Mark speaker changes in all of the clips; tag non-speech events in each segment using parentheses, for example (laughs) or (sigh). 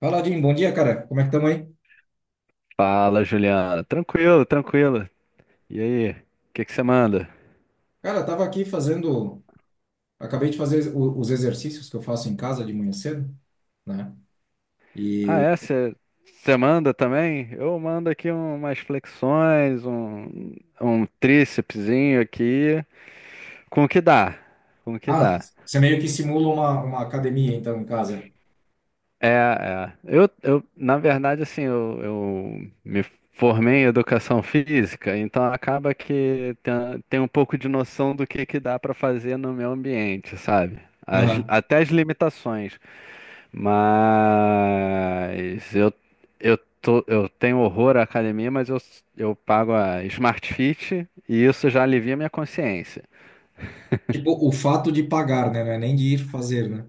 Speaker 1: Fala, Jim. Bom dia, cara. Como é que estamos aí?
Speaker 2: Fala, Juliana. Tranquilo, tranquilo. E aí, o que que você manda?
Speaker 1: Cara, eu tava aqui fazendo. Acabei de fazer os exercícios que eu faço em casa de manhã cedo, né?
Speaker 2: Ah,
Speaker 1: E.
Speaker 2: é? Você manda também? Eu mando aqui umas flexões, um trícepsinho aqui, com o que dá, com o que
Speaker 1: Ah,
Speaker 2: dá.
Speaker 1: você meio que simula uma academia, então, em casa.
Speaker 2: É, é. Eu, na verdade, assim, eu me formei em educação física, então acaba que tem um pouco de noção do que dá para fazer no meu ambiente, sabe?
Speaker 1: Aham.
Speaker 2: Até as limitações. Mas eu, eu tenho horror à academia, mas eu pago a Smart Fit e isso já alivia minha consciência.
Speaker 1: Tipo, o fato de pagar, né? Não é nem de ir fazer, né?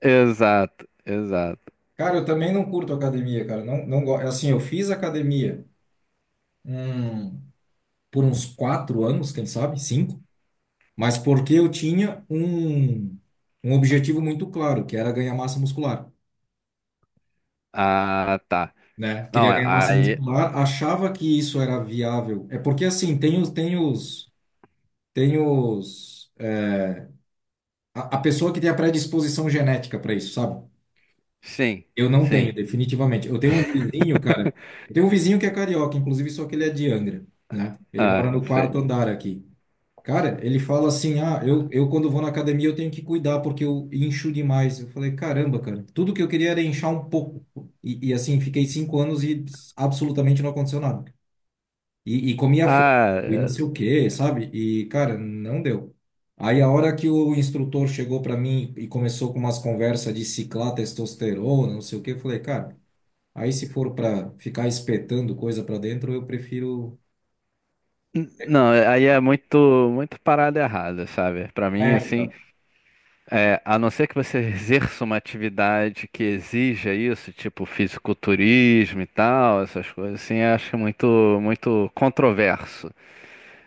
Speaker 2: Exato, exato.
Speaker 1: Cara, eu também não curto academia, cara. Não, não gosto. Assim, eu fiz academia hum, por uns quatro anos, quem sabe, cinco, mas porque eu tinha um objetivo muito claro, que era ganhar massa muscular.
Speaker 2: Ah, tá.
Speaker 1: Né? Queria
Speaker 2: Não,
Speaker 1: ganhar massa
Speaker 2: aí.
Speaker 1: muscular, achava que isso era viável. É porque assim, tem os, a pessoa que tem a predisposição genética para isso, sabe?
Speaker 2: Sim,
Speaker 1: Eu não tenho,
Speaker 2: sim.
Speaker 1: definitivamente. Eu tenho um vizinho, cara. Eu tenho um vizinho que é carioca, inclusive, só que ele é de Angra, né? Ele mora
Speaker 2: Ah,
Speaker 1: no
Speaker 2: sim.
Speaker 1: quarto andar aqui. Cara, ele fala assim: ah, eu quando vou na academia eu tenho que cuidar porque eu incho demais. Eu falei: caramba, cara, tudo que eu queria era inchar um pouco. E assim, fiquei cinco anos e absolutamente não aconteceu nada. E comia frango
Speaker 2: Ah,
Speaker 1: e não
Speaker 2: é,
Speaker 1: sei o quê, sabe? E, cara, não deu. Aí a hora que o instrutor chegou para mim e começou com umas conversas de ciclar testosterona, não sei o quê, eu falei, cara, aí se for para ficar espetando coisa para dentro, eu prefiro.
Speaker 2: não, aí é muito, muito parada errada, sabe? Pra mim,
Speaker 1: É,
Speaker 2: assim,
Speaker 1: então.
Speaker 2: é, a não ser que você (laughs) exerça uma atividade que exija isso, tipo fisiculturismo e tal, essas coisas assim, eu acho muito, muito controverso.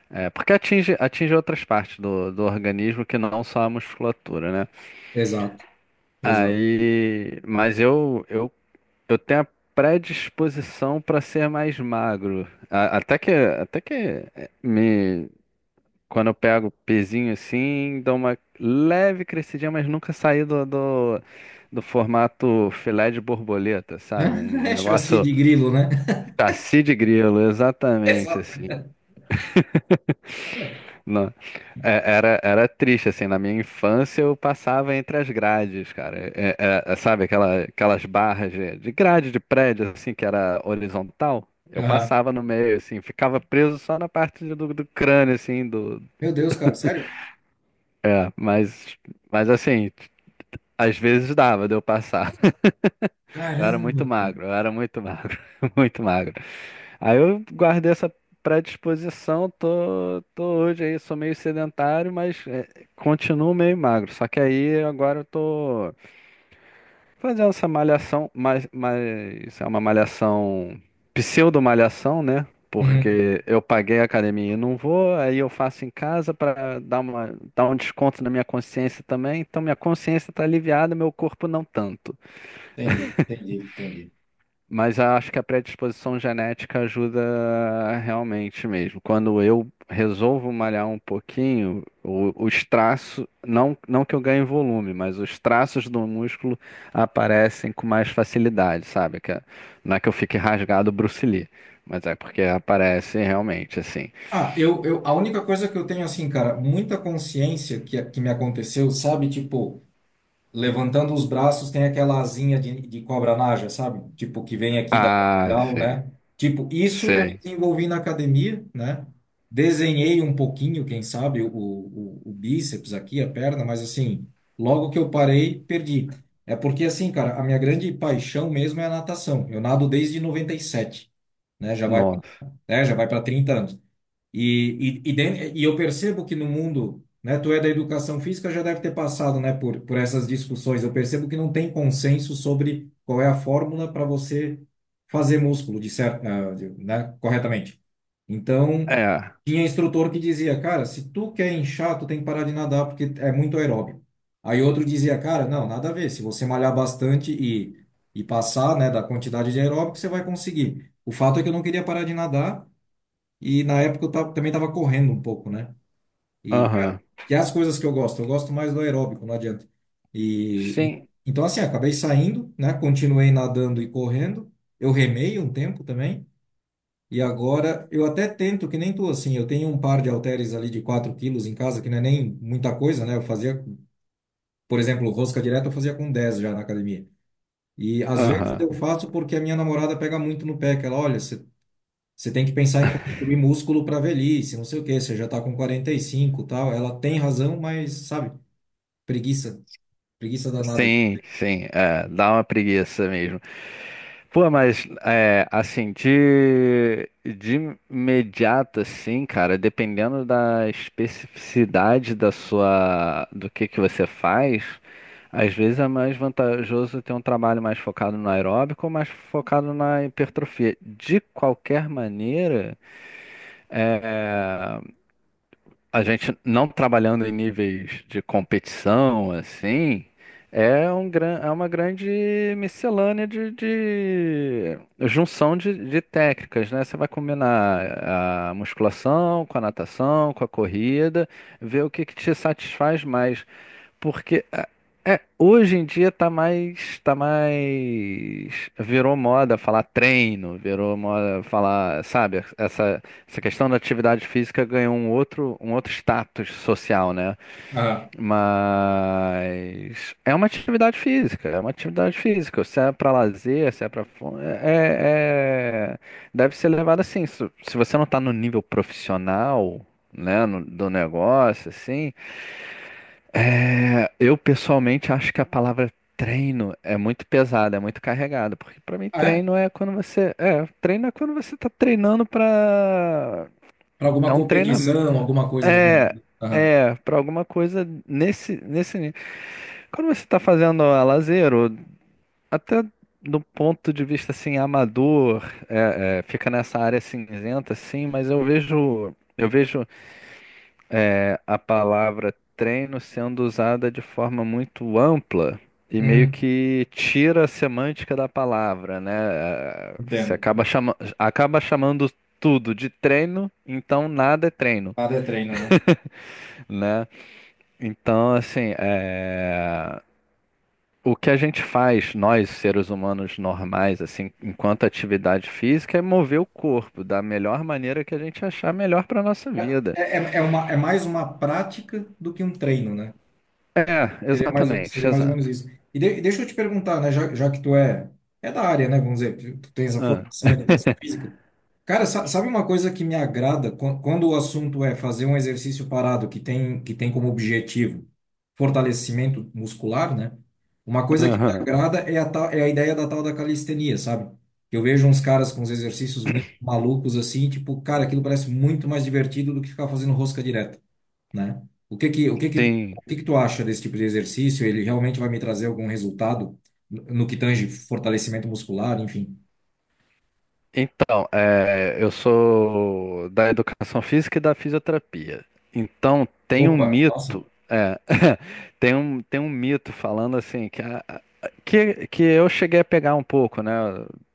Speaker 2: É, porque atinge outras partes do organismo que não só a musculatura, né?
Speaker 1: Exato, exato.
Speaker 2: Aí, mas eu tenho a predisposição para ser mais magro. Me, Quando eu pego o pezinho assim, dou uma leve crescidinha, mas nunca saí do formato filé de borboleta, sabe? Um
Speaker 1: (laughs) É chassi
Speaker 2: negócio
Speaker 1: de grilo, né?
Speaker 2: cacio de grilo,
Speaker 1: (laughs)
Speaker 2: exatamente
Speaker 1: Exato.
Speaker 2: assim. Não, era triste, assim, na minha infância eu passava entre as grades, cara. Sabe aquelas barras de grade de prédio, assim, que era horizontal? Eu
Speaker 1: Aham.
Speaker 2: passava no meio, assim, ficava preso só na parte do crânio, assim,
Speaker 1: Meu Deus, cara, sério?
Speaker 2: da- mas, mas assim. Às vezes dava de eu passar. Eu era muito
Speaker 1: Caramba, cara.
Speaker 2: magro, eu era muito magro, (laughs) muito magro. Aí eu guardei essa predisposição, tô hoje aí, sou meio sedentário, mas é, continuo meio magro. Só que aí agora eu tô fazendo essa malhação, mas é uma malhação, pseudo-malhação, né?
Speaker 1: Uhum.
Speaker 2: Porque eu paguei a academia e não vou, aí eu faço em casa para dar um desconto na minha consciência também. Então minha consciência tá aliviada, meu corpo não tanto.
Speaker 1: Entendi, entendi, entendi.
Speaker 2: Mas eu acho que a predisposição genética ajuda realmente mesmo. Quando eu resolvo malhar um pouquinho, os traços, não que eu ganhe volume, mas os traços do músculo aparecem com mais facilidade, sabe? Não é que eu fique rasgado Bruce Lee, mas é porque aparece realmente assim.
Speaker 1: Ah, a única coisa que eu tenho, assim, cara, muita consciência que me aconteceu, sabe? Tipo, levantando os braços, tem aquela asinha de cobra naja, sabe? Tipo, que vem aqui da
Speaker 2: Ah,
Speaker 1: lateral,
Speaker 2: sim,
Speaker 1: né? Tipo, isso eu
Speaker 2: sei.
Speaker 1: desenvolvi na academia, né? Desenhei um pouquinho, quem sabe, o bíceps aqui, a perna, mas assim, logo que eu parei, perdi. É porque, assim, cara, a minha grande paixão mesmo é a natação. Eu nado desde 97, né? Já vai,
Speaker 2: Nossa.
Speaker 1: né? Já vai para 30 anos. E eu percebo que no mundo, né, tu é da educação física, já deve ter passado, né, por essas discussões. Eu percebo que não tem consenso sobre qual é a fórmula para você fazer músculo de certo, né, corretamente. Então,
Speaker 2: É,
Speaker 1: tinha instrutor que dizia, cara, se tu quer inchar, tu tem que parar de nadar porque é muito aeróbio. Aí outro dizia, cara, não, nada a ver. Se você malhar bastante e passar, né, da quantidade de aeróbico, você vai conseguir. O fato é que eu não queria parar de nadar. E na época eu também estava correndo um pouco, né? E
Speaker 2: aham.
Speaker 1: cara, que é as coisas que eu gosto mais do aeróbico, não adianta. E
Speaker 2: Sim,
Speaker 1: então assim, acabei saindo, né? Continuei nadando e correndo. Eu remei um tempo também. E agora eu até tento, que nem tu, assim, eu tenho um par de halteres ali de 4 quilos em casa, que não é nem muita coisa, né? Eu fazia, por exemplo, rosca direta eu fazia com 10 já na academia. E às vezes
Speaker 2: aham.
Speaker 1: eu faço porque a minha namorada pega muito no pé, que ela, olha, Você tem que pensar em construir músculo para velhice, não sei o quê, você já está com 45 e cinco, e tal. Ela tem razão, mas, sabe, preguiça, preguiça danada.
Speaker 2: Sim, sim, é, dá uma preguiça mesmo. Pô, mas é, assim, de imediato, assim, cara, dependendo da especificidade do que você faz, às vezes é mais vantajoso ter um trabalho mais focado no aeróbico ou mais focado na hipertrofia. De qualquer maneira, a gente não trabalhando em níveis de competição, assim, é uma grande miscelânea de, junção de técnicas, né? Você vai combinar a musculação com a natação, com a corrida, ver o que que te satisfaz mais. Porque hoje em dia tá mais, virou moda falar treino, virou moda falar, sabe, essa questão da atividade física ganhou um outro status social, né?
Speaker 1: Ah,
Speaker 2: Mas é uma atividade física, é uma atividade física. Se é para lazer, se é para, é, é- é, deve ser levado assim. Se você não tá no nível profissional, né, do negócio, assim, eu pessoalmente acho que a palavra treino é muito pesada, é muito carregada, porque pra mim
Speaker 1: ah, é?
Speaker 2: treino é treino é quando você tá treinando pra.
Speaker 1: Para
Speaker 2: É
Speaker 1: alguma
Speaker 2: um treinamento,
Speaker 1: competição, alguma coisa do
Speaker 2: é,
Speaker 1: gênero. Aham.
Speaker 2: para alguma coisa nesse nível. Quando você tá fazendo a lazer, ou até do ponto de vista assim amador, fica nessa área cinzenta assim, mas eu vejo a palavra treino sendo usada de forma muito ampla e meio
Speaker 1: Uhum.
Speaker 2: que tira a semântica da palavra, né? Você
Speaker 1: Entendo. Entendo.
Speaker 2: acaba chamando tudo de treino, então nada é treino,
Speaker 1: Nada é treino, né?
Speaker 2: né? Então, assim, o que a gente faz, nós, seres humanos normais, assim, enquanto atividade física, é mover o corpo da melhor maneira que a gente achar melhor para nossa vida.
Speaker 1: É mais uma prática do que um treino, né?
Speaker 2: É, exatamente,
Speaker 1: Seria mais ou menos
Speaker 2: exato.
Speaker 1: isso. E deixa eu te perguntar, né, já que tu é da área, né, vamos dizer, tu tens a
Speaker 2: Ah,
Speaker 1: formação em educação física. Cara, sabe uma coisa que me agrada. Quando o assunto é fazer um exercício parado que tem como objetivo fortalecimento muscular, né? Uma coisa que me
Speaker 2: aham,
Speaker 1: agrada é a ideia da tal da calistenia, sabe? Eu vejo uns caras com uns exercícios muito malucos assim, tipo, cara, aquilo parece muito mais divertido do que ficar fazendo rosca direta, né? O que que, o que que, o
Speaker 2: sim.
Speaker 1: que que tu acha desse tipo de exercício? Ele realmente vai me trazer algum resultado no que tange fortalecimento muscular, enfim?
Speaker 2: Então, eu sou da educação física e da fisioterapia. Então, tem um
Speaker 1: Opa, nossa.
Speaker 2: mito, (laughs) tem um mito falando assim que, que eu cheguei a pegar um pouco, né?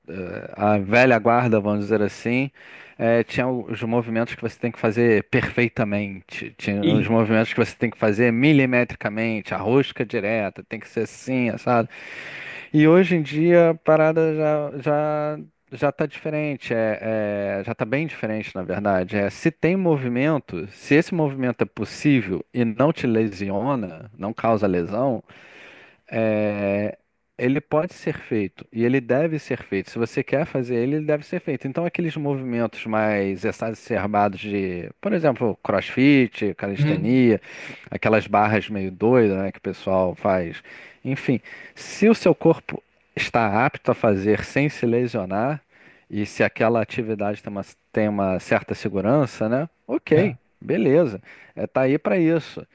Speaker 2: A velha guarda, vamos dizer assim, tinha os movimentos que você tem que fazer perfeitamente, tinha os
Speaker 1: E
Speaker 2: movimentos que você tem que fazer milimetricamente, a rosca direta, tem que ser assim, sabe? E hoje em dia a parada já tá diferente, já tá bem diferente, na verdade. Se tem movimento, se esse movimento é possível e não te lesiona, não causa lesão, é, ele pode ser feito e ele deve ser feito. Se você quer fazer ele, ele deve ser feito. Então, aqueles movimentos mais exacerbados de, por exemplo, CrossFit,
Speaker 1: uhum.
Speaker 2: calistenia, aquelas barras meio doidas, né, que o pessoal faz. Enfim, se o seu corpo está apto a fazer sem se lesionar e se aquela atividade tem uma, certa segurança, né?
Speaker 1: É.
Speaker 2: Ok, beleza. Tá aí para isso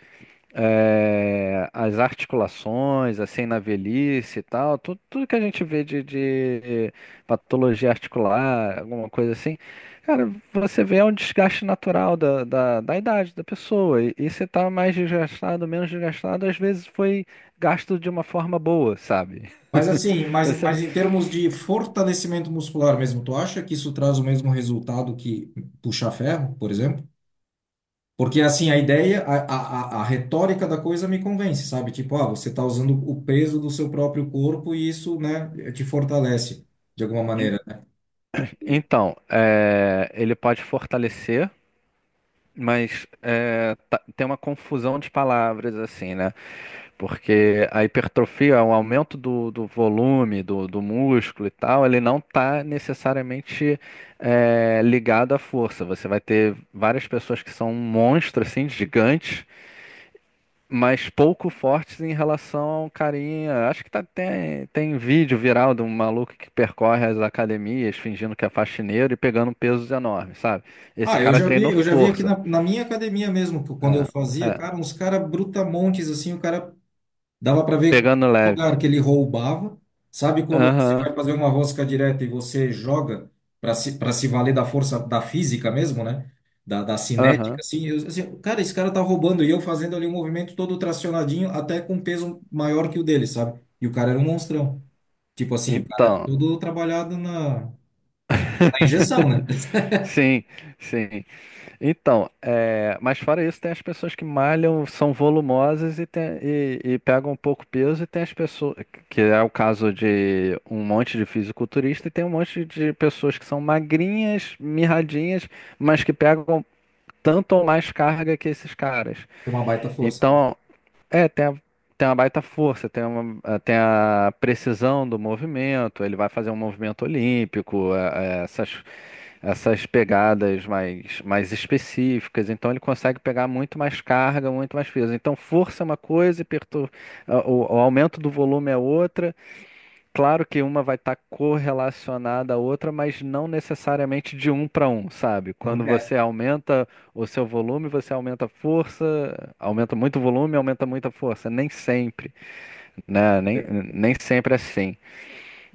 Speaker 2: as articulações, assim, na velhice e tal, tudo, tudo que a gente vê de patologia articular, alguma coisa assim, cara, você vê é um desgaste natural da idade da pessoa. E você tá mais desgastado, menos desgastado, às vezes foi gasto de uma forma boa, sabe?
Speaker 1: Mas assim,
Speaker 2: (laughs)
Speaker 1: mas,
Speaker 2: Você,
Speaker 1: mas em termos de fortalecimento muscular mesmo, tu acha que isso traz o mesmo resultado que puxar ferro, por exemplo? Porque assim, a ideia, a retórica da coisa me convence, sabe? Tipo, ah, você está usando o peso do seu próprio corpo e isso, né, te fortalece de alguma
Speaker 2: en-
Speaker 1: maneira.
Speaker 2: então, ele pode fortalecer, mas tem uma confusão de palavras, assim, né? Porque a hipertrofia, o aumento do volume do músculo e tal, ele não está necessariamente ligado à força. Você vai ter várias pessoas que são monstros assim, gigantes, mas pouco fortes em relação ao carinha. Acho que tem vídeo viral de um maluco que percorre as academias fingindo que é faxineiro e pegando pesos enormes, sabe? Esse
Speaker 1: Ah, eu
Speaker 2: cara
Speaker 1: já vi,
Speaker 2: treinou
Speaker 1: eu já vi aqui
Speaker 2: força.
Speaker 1: na minha academia mesmo, que quando eu
Speaker 2: É,
Speaker 1: fazia,
Speaker 2: é,
Speaker 1: cara, uns cara brutamontes assim, o cara dava para ver
Speaker 2: Pegando
Speaker 1: o lugar
Speaker 2: leve.
Speaker 1: que ele roubava. Sabe quando você
Speaker 2: Aham,
Speaker 1: vai fazer uma rosca direta e você joga para se valer da força da física mesmo, né? Da cinética,
Speaker 2: aham.
Speaker 1: assim, assim, cara, esse cara tá roubando e eu fazendo ali um movimento todo tracionadinho, até com peso maior que o dele, sabe? E o cara era um monstrão. Tipo assim, o cara era
Speaker 2: Então.
Speaker 1: todo trabalhado na injeção, né?
Speaker 2: (laughs)
Speaker 1: (laughs)
Speaker 2: Sim, sim. Então, mas fora isso, tem as pessoas que malham, são volumosas e pegam um pouco peso, e tem as pessoas, que é o caso de um monte de fisiculturista, e tem um monte de pessoas que são magrinhas, mirradinhas, mas que pegam tanto ou mais carga que esses caras.
Speaker 1: É uma baita força, né?
Speaker 2: Então, é, tem a, tem uma baita força, tem a precisão do movimento, ele vai fazer um movimento olímpico, essas pegadas mais específicas, então ele consegue pegar muito mais carga, muito mais peso. Então, força é uma coisa, e o aumento do volume é outra. Claro que uma vai estar correlacionada à outra, mas não necessariamente de um para um, sabe?
Speaker 1: Então,
Speaker 2: Quando você aumenta o seu volume, você aumenta a força, aumenta muito o volume, aumenta muito a força. Nem sempre, né? Nem sempre é assim,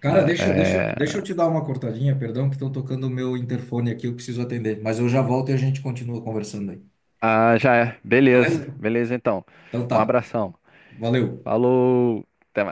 Speaker 1: cara,
Speaker 2: né?
Speaker 1: deixa eu te dar uma cortadinha, perdão, que estão tocando o meu interfone aqui, eu preciso atender. Mas eu já volto e a gente continua conversando aí.
Speaker 2: Ah, já é. Beleza,
Speaker 1: Beleza?
Speaker 2: beleza então.
Speaker 1: Então
Speaker 2: Um
Speaker 1: tá.
Speaker 2: abração.
Speaker 1: Valeu.
Speaker 2: Falou, até mais.